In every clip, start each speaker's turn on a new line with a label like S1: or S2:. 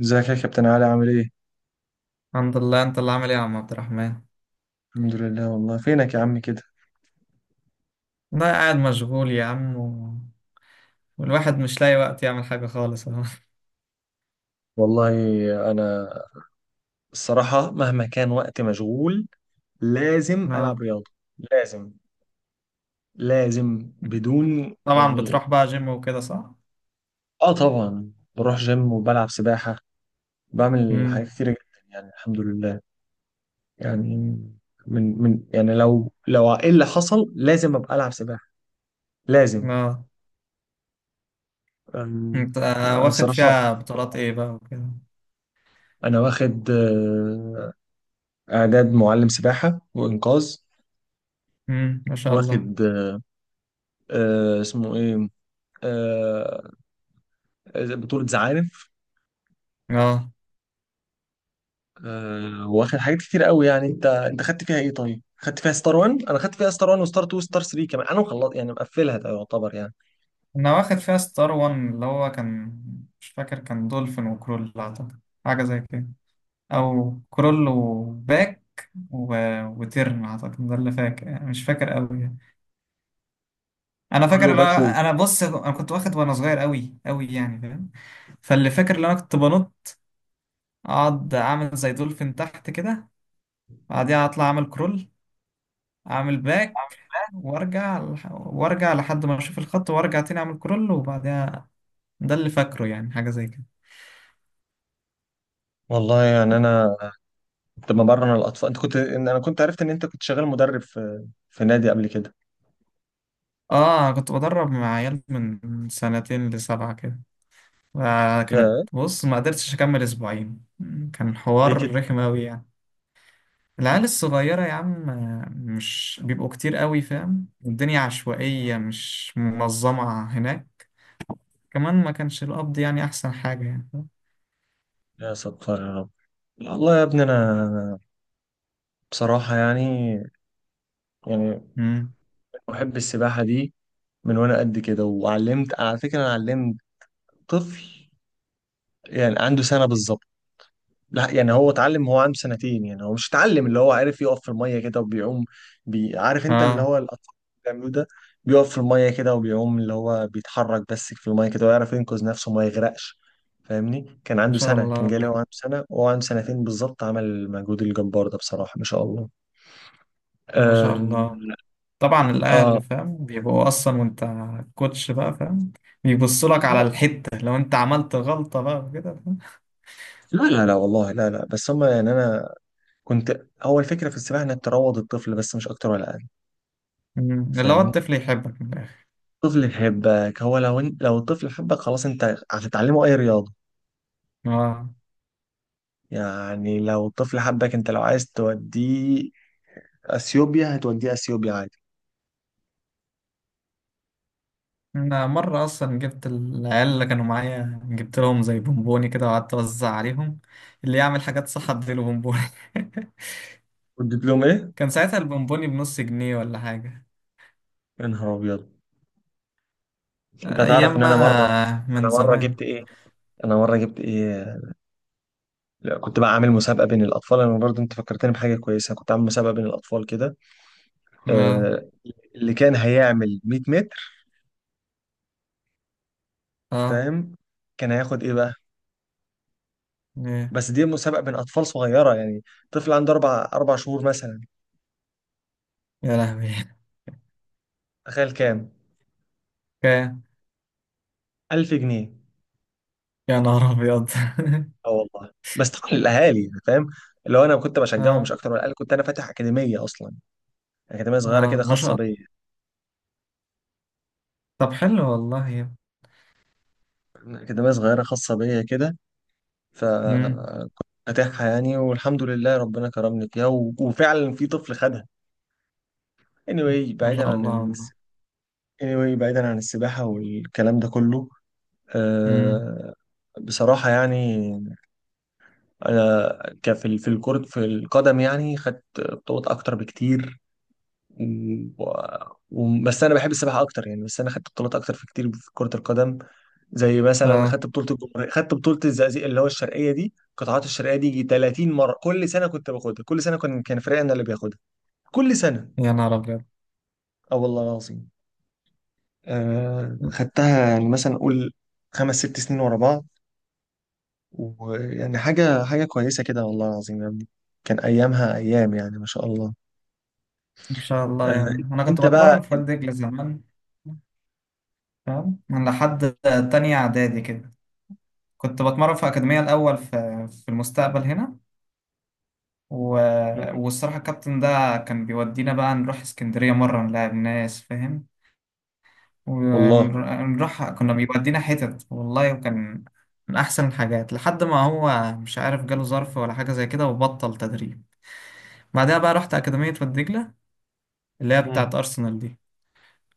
S1: ازيك يا كابتن علي عامل ايه؟
S2: الحمد لله. انت اللي عامل ايه يا عم عبد الرحمن؟
S1: الحمد لله. والله فينك يا عم كده؟
S2: ده قاعد مشغول يا عم والواحد مش لاقي وقت يعمل حاجة خالص اهو.
S1: والله انا الصراحة، مهما كان وقت مشغول لازم العب
S2: اه.
S1: رياضة. لازم، لازم بدون
S2: طبعا
S1: يعني.
S2: بتروح بقى جيم وكده صح؟
S1: اه، طبعا بروح جيم وبلعب سباحة. بعمل حاجات
S2: امم.
S1: كتيرة جدا يعني، الحمد لله. يعني من يعني لو ايه اللي حصل، لازم ابقى العب سباحة. لازم.
S2: اه.
S1: أم،
S2: انت
S1: انا
S2: واخد
S1: الصراحة،
S2: فيها بطولات ايه بقى وكده؟
S1: انا واخد اعداد معلم سباحة وانقاذ.
S2: امم، ما شاء الله.
S1: واخد آه اسمه ايه آه آه، بطولة زعانف.
S2: اه،
S1: واخد حاجات كتير قوي يعني. انت خدت فيها ايه طيب؟ خدت فيها ستار 1، انا خدت فيها ستار 1 وستار 2 وستار 3 كمان. انا مخلص يعني، مقفلها. ده يعتبر يعني
S2: انا واخد فيها ستار وان، اللي هو كان مش فاكر، كان دولفين وكرول اعتقد، حاجة زي كده، او كرول وباك و... وترن اعتقد، ده اللي فاكر، مش فاكر قوي. انا فاكر
S1: كله
S2: اللي
S1: باكو.
S2: انا بص، انا كنت واخد وانا صغير قوي قوي يعني فاهم؟ فاللي فاكر اللي انا كنت بنط، اقعد اعمل زي دولفين تحت كده، بعديها اطلع اعمل كرول، اعمل باك، وارجع لحد ما اشوف الخط وارجع تاني اعمل كرول، وبعديها ده اللي فاكره، يعني حاجه زي كده.
S1: والله يعني انا كنت بمرن الاطفال. انت كنت انا كنت عرفت ان انت كنت شغال مدرب في نادي قبل كده.
S2: اه، أنا كنت بدرب مع عيال من سنتين لسبعه كده، وكانت
S1: يا،
S2: بص ما قدرتش اكمل اسبوعين. كان
S1: ليه
S2: حوار
S1: كده؟
S2: رخم قوي يعني. العيال الصغيرة يا عم مش بيبقوا كتير قوي، فاهم؟ الدنيا عشوائية مش منظمة هناك. كمان ما كانش القبض يعني أحسن حاجة، يعني فاهم؟
S1: يا ستار، يا رب. والله يا ابني، انا بصراحة يعني
S2: مم.
S1: بحب السباحة دي من وانا قد كده. وعلمت على فكرة، انا علمت طفل يعني عنده سنة بالظبط. لا يعني، هو اتعلم. هو عنده سنتين يعني. هو مش اتعلم، اللي هو عارف يقف في المية كده وبيعوم. عارف انت اللي
S2: آه،
S1: هو الأطفال اللي بيعملوه ده، بيقف في المية كده وبيعوم، اللي هو بيتحرك بس في المية كده، ويعرف ينقذ نفسه وما يغرقش. فاهمني؟ كان
S2: ما
S1: عنده
S2: شاء
S1: سنة.
S2: الله
S1: كان جالي هو
S2: والله.
S1: عنده سنة، وهو عنده سنتين بالظبط عمل المجهود الجبار ده. بصراحة ما شاء الله.
S2: ما شاء
S1: آه...
S2: الله. طبعا
S1: اه،
S2: الأهل فاهم بيبقوا أصلا، وأنت كوتش بقى فاهم، بيبصوا
S1: اه
S2: لك على
S1: طبعا.
S2: الحتة لو أنت عملت غلطة بقى وكده، فاهم؟
S1: لا لا لا، والله لا لا، بس هما يعني. انا كنت اول فكرة في السباحة انك تروض الطفل، بس مش اكتر ولا اقل.
S2: مم. اللي هو
S1: فاهمني؟
S2: الطفل يحبك من الآخر.
S1: طفل يحبك، هو لو لو الطفل حبك خلاص، انت هتتعلمه اي رياضة.
S2: آه.
S1: يعني لو الطفل حبك انت، لو عايز توديه اثيوبيا هتوديه اثيوبيا عادي.
S2: أنا مرة أصلا جبت العيال اللي كانوا معايا، جبت لهم زي بونبوني كده، وقعدت أوزع عليهم، اللي يعمل حاجات صح أديله بونبوني.
S1: والدبلوم ايه؟
S2: كان ساعتها البونبوني بنص جنيه ولا حاجة.
S1: يا نهار ابيض. انت تعرف
S2: أيام
S1: ان
S2: بقى.
S1: انا مرة انا
S2: من
S1: مرة
S2: زمان.
S1: جبت ايه؟ انا مرة جبت ايه؟ لا، كنت بقى عامل مسابقة بين الاطفال. انا برضه انت فكرتني بحاجة كويسة. كنت عامل مسابقة بين الاطفال كده.
S2: آه.
S1: آه، اللي كان هيعمل 100 متر.
S2: آه.
S1: فاهم؟ كان هياخد ايه بقى؟
S2: إيه.
S1: بس دي مسابقة بين اطفال صغيرة يعني. طفل عنده اربع شهور مثلا.
S2: يا لهوي.
S1: تخيل كام؟
S2: كام؟
S1: 1000 جنيه.
S2: يا نهار أبيض.
S1: اه والله. بس طبعا الاهالي يعني فاهم، لو انا كنت بشجعهم مش
S2: آه.
S1: اكتر ولا اقل. كنت انا فاتح اكاديميه اصلا. اكاديميه صغيره كده
S2: آه، ما شاء
S1: خاصه
S2: الله.
S1: بيا.
S2: طب حلو والله.
S1: اكاديميه صغيره خاصه بيا كده.
S2: مم.
S1: فكنت فاتحها يعني، والحمد لله ربنا كرمني فيها. وفعلا في طفل خدها. anyway
S2: ما
S1: بعيدا
S2: شاء
S1: عن
S2: الله والله.
S1: anyway بعيدا عن السباحه والكلام ده كله.
S2: مم.
S1: أه... بصراحة يعني، أنا كفي في في الكرة في القدم يعني، خدت بطولات أكتر بكتير. و... بس انا بحب السباحه اكتر يعني. بس انا خدت بطولات اكتر في كتير في كره القدم. زي مثلا
S2: آه.
S1: خدت بطوله الجمهوريه. خدت بطوله الزقازيق اللي هو الشرقيه دي، قطاعات الشرقيه دي يجي 30 مره. كل سنه كنت باخدها. كل سنه كان فريقنا اللي بياخدها كل سنه.
S2: يا نهار أبيض.
S1: اه والله العظيم. خدتها يعني مثلا اقول 5 6 سنين ورا بعض. ويعني حاجه كويسه كده، والله العظيم يا ابني. كان ايامها ايام يعني، ما شاء الله.
S2: ما شاء الله يا
S1: آه
S2: عم. أنا كنت
S1: انت بقى.
S2: بتمرن في وادي دجلة زمان، فاهم؟ من لحد تانية إعدادي كده كنت بتمرن في أكاديمية الأول، في المستقبل هنا و...
S1: مم.
S2: والصراحة الكابتن ده كان بيودينا بقى نروح اسكندرية مرة نلاعب ناس، فاهم؟
S1: والله.
S2: ونروح، كنا بيودينا حتت والله، وكان من أحسن الحاجات لحد ما هو مش عارف جاله ظرف ولا حاجة زي كده وبطل تدريب. بعدها بقى رحت أكاديمية والدجلة، اللي هي بتاعت
S1: مم.
S2: أرسنال دي.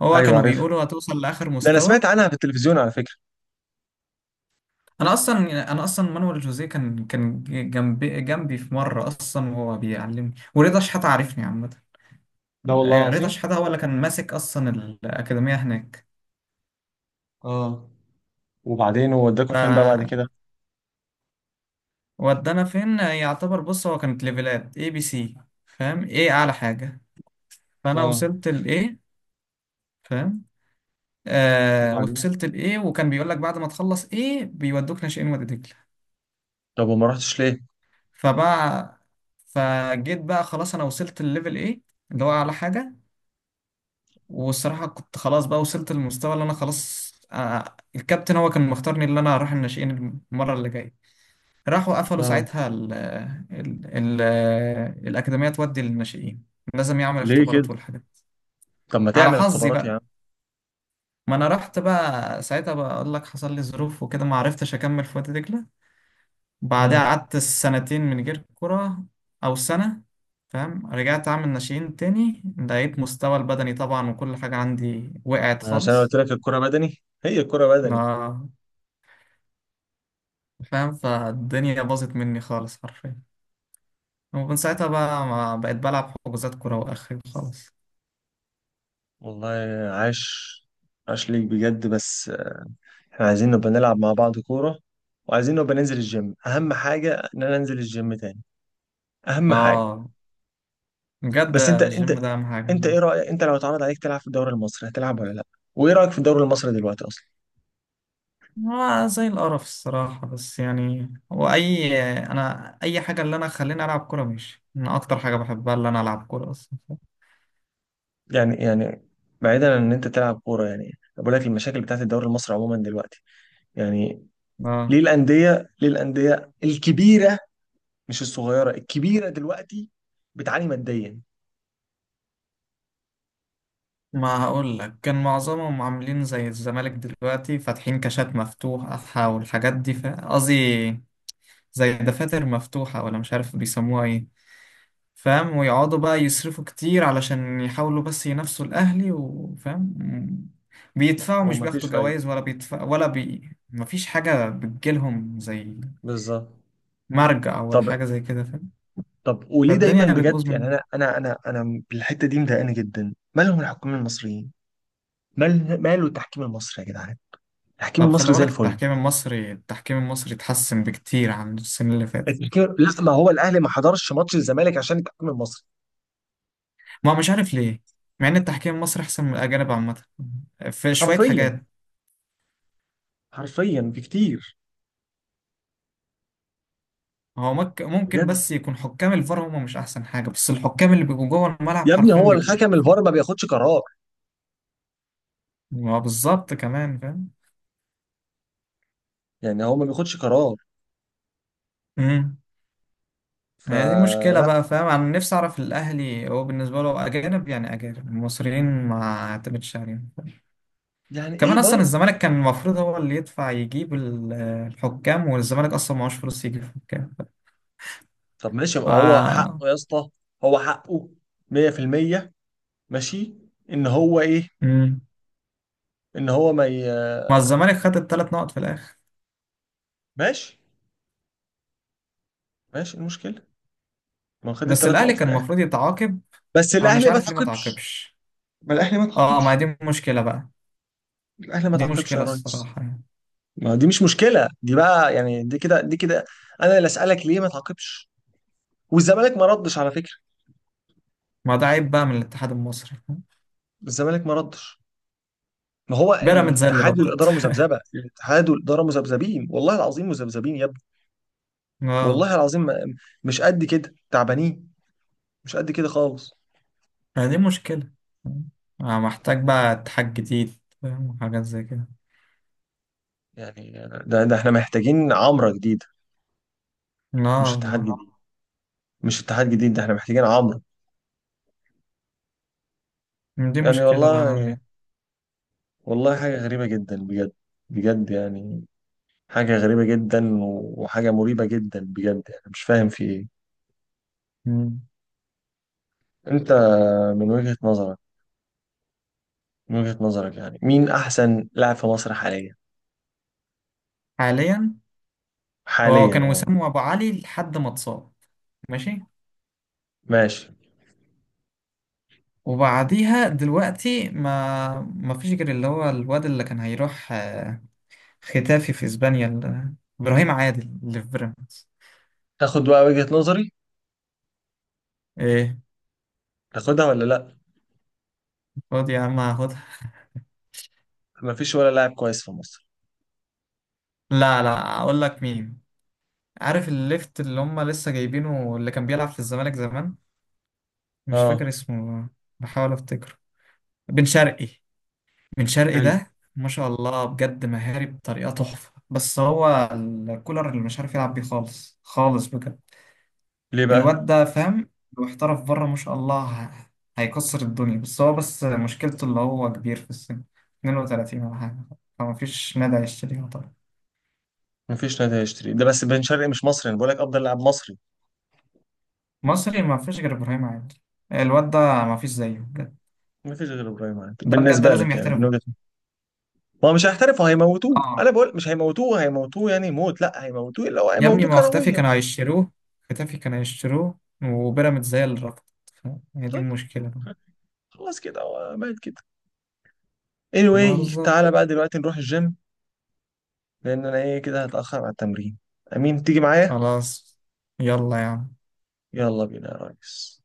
S2: هو
S1: ايوه
S2: كانوا
S1: عارف،
S2: بيقولوا هتوصل لآخر
S1: ده انا سمعت
S2: مستوى.
S1: عنها في التلفزيون على فكرة.
S2: انا اصلا مانويل جوزيه كان جنبي جنبي في مره اصلا وهو بيعلمني، ورضا شحاته عارفني عامه.
S1: ده والله
S2: رضا
S1: العظيم.
S2: شحاته هو اللي كان ماسك اصلا الاكاديميه هناك.
S1: اه، وبعدين هو وداكوا فين بقى بعد كده؟
S2: فودانا فين يعتبر، بص، هو كانت ليفلات اي بي سي، فاهم ايه اعلى حاجه؟ فانا
S1: اه،
S2: وصلت الاي، فاهم؟ آه،
S1: وبعدين
S2: وصلت الاي، وكان بيقول لك بعد ما تخلص ايه بيودوك ناشئين وادي دجله.
S1: طب وما رحتش ليه؟
S2: فبقى، فجيت بقى خلاص، انا وصلت الليفل ايه، اللي هو اعلى حاجه. والصراحة كنت خلاص بقى وصلت للمستوى اللي أنا خلاص، الكابتن هو كان مختارني اللي أنا أروح الناشئين المرة اللي جاية. راحوا قفلوا
S1: اه،
S2: ساعتها ال ال ال الأكاديمية تودي للناشئين، لازم يعمل
S1: ليه كده؟
S2: اختبارات والحاجات.
S1: طب ما
S2: على
S1: تعمل
S2: حظي
S1: اختبارات يا عم.
S2: بقى. ما أنا رحت بقى ساعتها، بقول لك حصل لي ظروف وكده ما عرفتش أكمل في وادي دجلة. بعدها
S1: امم.
S2: قعدت سنتين من غير كرة، أو سنة. فاهم؟ رجعت أعمل ناشئين تاني، لقيت مستوى البدني طبعا وكل حاجة عندي وقعت
S1: عشان أنا
S2: خالص،
S1: قلت لك الكرة بدني. هي الكرة بدني.
S2: فاهم؟ فالدنيا باظت مني خالص حرفيا، ومن ساعتها بقى ما بقيت بلعب حجوزات كورة وآخري خالص.
S1: والله. عاش، عاش ليك بجد. بس احنا عايزين نبقى نلعب مع بعض كورة، وعايزين نبقى ننزل الجيم. اهم حاجة ان انا انزل الجيم تاني، اهم حاجة.
S2: اه، بجد
S1: بس انت انت
S2: الجيم ده أهم حاجة.
S1: انت ايه رأيك انت لو اتعرض عليك تلعب في الدوري المصري، هتلعب ولا لا؟ وايه رأيك في الدوري المصري دلوقتي اصلا؟
S2: هو زي القرف الصراحة، بس يعني هو أنا أي حاجة اللي أنا خليني ألعب كورة ماشي، أنا أكتر حاجة بحبها اللي أنا ألعب كورة أصلا.
S1: يعني بعيدا عن ان انت تلعب كوره يعني. أنا بقول لك المشاكل بتاعت الدوري المصري عموما دلوقتي، يعني
S2: اه،
S1: ليه الانديه الكبيره، مش الصغيره، الكبيره دلوقتي، بتعاني ماديا.
S2: ما هقول لك، كان معظمهم عاملين زي الزمالك دلوقتي فاتحين كاشات مفتوحة والحاجات دي، قصدي زي دفاتر مفتوحة، ولا مش عارف بيسموها إيه. فاهم؟ ويقعدوا بقى يصرفوا كتير علشان يحاولوا بس ينافسوا الأهلي، وفاهم، بيدفعوا، مش
S1: ومفيش
S2: بياخدوا
S1: فايده.
S2: جوائز ولا بيدفع ولا مفيش حاجة بتجيلهم زي
S1: بالظبط.
S2: مرجع ولا
S1: طب،
S2: حاجة زي كده، فاهم؟
S1: طب وليه دايما
S2: فالدنيا
S1: بجد
S2: بتبوظ
S1: يعني؟
S2: منهم.
S1: انا بالحته دي مضايقاني جدا، مالهم الحكام المصريين؟ ماله التحكيم المصري يا جدعان؟ التحكيم
S2: طب
S1: المصري
S2: خلي
S1: زي
S2: بالك،
S1: الفل.
S2: التحكيم المصري التحكيم المصري اتحسن بكتير عن السنة اللي فاتت.
S1: التحكيم لا، ما هو الاهلي ما حضرش ماتش الزمالك عشان التحكيم المصري.
S2: ما مش عارف ليه، مع ان التحكيم المصري احسن من الأجانب عامة في شوية
S1: حرفيا،
S2: حاجات.
S1: حرفيا بكتير.
S2: هو ممكن
S1: بجد
S2: بس يكون حكام الفار هم مش احسن حاجه، بس الحكام اللي بيبقوا جوه الملعب
S1: يا ابني،
S2: حرفيا
S1: هو
S2: بيبقوا.
S1: الحكم الفار ما بياخدش قرار.
S2: ما بالظبط، كمان فاهم.
S1: يعني هو ما بياخدش قرار.
S2: امم. هي دي مشكلة
S1: فلا.
S2: بقى، فاهم؟ انا نفسي اعرف الاهلي هو بالنسبة له اجانب يعني، اجانب المصريين ما اعتمدش عليهم، فاهم؟
S1: يعني ايه
S2: كمان اصلا
S1: برضه؟
S2: الزمالك كان المفروض هو اللي يدفع يجيب الحكام، والزمالك اصلا معهوش فلوس يجيب حكام.
S1: طب ماشي، يبقى هو
S2: ف
S1: حقه يا اسطى. هو حقه 100%. ماشي. ان هو ايه؟
S2: امم.
S1: ان هو ما ي...
S2: ما الزمالك خد الثلاث نقط في الاخر.
S1: ماشي، ماشي، إيه المشكله؟ ما هو خد
S2: بس
S1: الثلاث
S2: الاهلي
S1: نقط في
S2: كان
S1: الاخر.
S2: المفروض يتعاقب.
S1: بس
S2: انا مش
S1: الاهلي ما
S2: عارف ليه ما
S1: تعاقبش.
S2: تعاقبش.
S1: ما الاهلي ما
S2: اه،
S1: تعاقبش.
S2: ما هي دي مشكلة بقى.
S1: الاهلي ما
S2: دي
S1: تعاقبش يا
S2: مشكلة
S1: ريس.
S2: الصراحة يعني.
S1: ما دي مش مشكله دي بقى يعني. دي كده، دي كده. انا اللي اسالك، ليه ما تعاقبش؟ والزمالك ما ردش على فكره.
S2: ما ده عيب بقى من الاتحاد المصري، فاهم؟
S1: الزمالك ما ردش. ما هو
S2: بيراميدز هي اللي
S1: الاتحاد
S2: ردت.
S1: والاداره مذبذبه. الاتحاد والاداره مذبذبين، والله العظيم مذبذبين يا ابني.
S2: اه.
S1: والله العظيم مش قد كده تعبانين. مش قد كده خالص.
S2: يعني دي مشكلة، أنا محتاج بقى اتحاج جديد، فاهم؟ وحاجات زي كده.
S1: يعني ده احنا محتاجين عمره جديده،
S2: لا
S1: مش اتحاد
S2: والله.
S1: جديد. مش اتحاد جديد، ده احنا محتاجين عمره.
S2: دي
S1: يعني
S2: مشكلة بقى أنا أعمل
S1: والله،
S2: إيه.
S1: والله حاجه غريبه جدا بجد. بجد يعني. حاجه غريبه جدا وحاجه مريبه جدا بجد يعني، مش فاهم في ايه.
S2: مم.
S1: انت من وجهه نظرك، يعني مين احسن لاعب في مصر حاليا؟
S2: حاليا، هو
S1: حاليا،
S2: كان
S1: اه.
S2: وسام وأبو علي لحد ما اتصاب. ماشي.
S1: ماشي.
S2: وبعديها دلوقتي ما فيش غير اللي هو الواد اللي كان هيروح، ختافي في اسبانيا، ابراهيم عادل اللي في بيراميدز.
S1: تاخد بقى وجهة نظري،
S2: ايه.
S1: تاخدها ولا لا؟
S2: خد يا عم هاخدها.
S1: مفيش ولا لاعب كويس في مصر.
S2: لا، لا اقول لك مين. عارف الليفت اللي هم لسه جايبينه، اللي كان بيلعب في الزمالك زمان، مش فاكر
S1: اه،
S2: اسمه والله، بحاول افتكره. بن شرقي. بن شرقي
S1: حلو.
S2: ده ما شاء الله بجد، مهاري بطريقة تحفة، بس هو الكولر اللي مش عارف يلعب بيه خالص خالص بجد.
S1: ليه بقى؟
S2: الواد ده فاهم، لو احترف بره ما شاء الله هيكسر الدنيا. بس هو بس مشكلته اللي هو كبير في السن، 32 ولا حاجة، فما فيش نادي هيشتريه طبعا.
S1: مفيش نادي هيشتري ده، بس بن شرقي مش مصري، انا بقول لك افضل لاعب مصري.
S2: مصري ما فيش غير إبراهيم عادل، الواد ده ما فيش زيه بجد،
S1: مفيش غير ابراهيم عادل
S2: ده بجد
S1: بالنسبه
S2: لازم
S1: لك، يعني من
S2: يحترف.
S1: وجهة نظري. ما هو مش هيحترفوا، هيموتوه.
S2: اه.
S1: انا بقول مش هيموتوه، هيموتوه يعني موت. لا هيموتوه، لو
S2: يا ابني
S1: هيموتوه
S2: ما هو اختفي
S1: كرويا.
S2: كانوا هيشتروه، اختفي كانوا هيشتروه، وبيراميدز هي اللي رفضت. ف- هي دي
S1: طيب
S2: المشكلة.
S1: خلاص كده هو مات كده.
S2: ما
S1: anyway
S2: بالظبط.
S1: تعالى بقى دلوقتي نروح الجيم. لان انا ايه كده هتاخر على التمرين. امين تيجي معايا؟
S2: خلاص. يلا يا عم.
S1: يلا بينا يا ريس.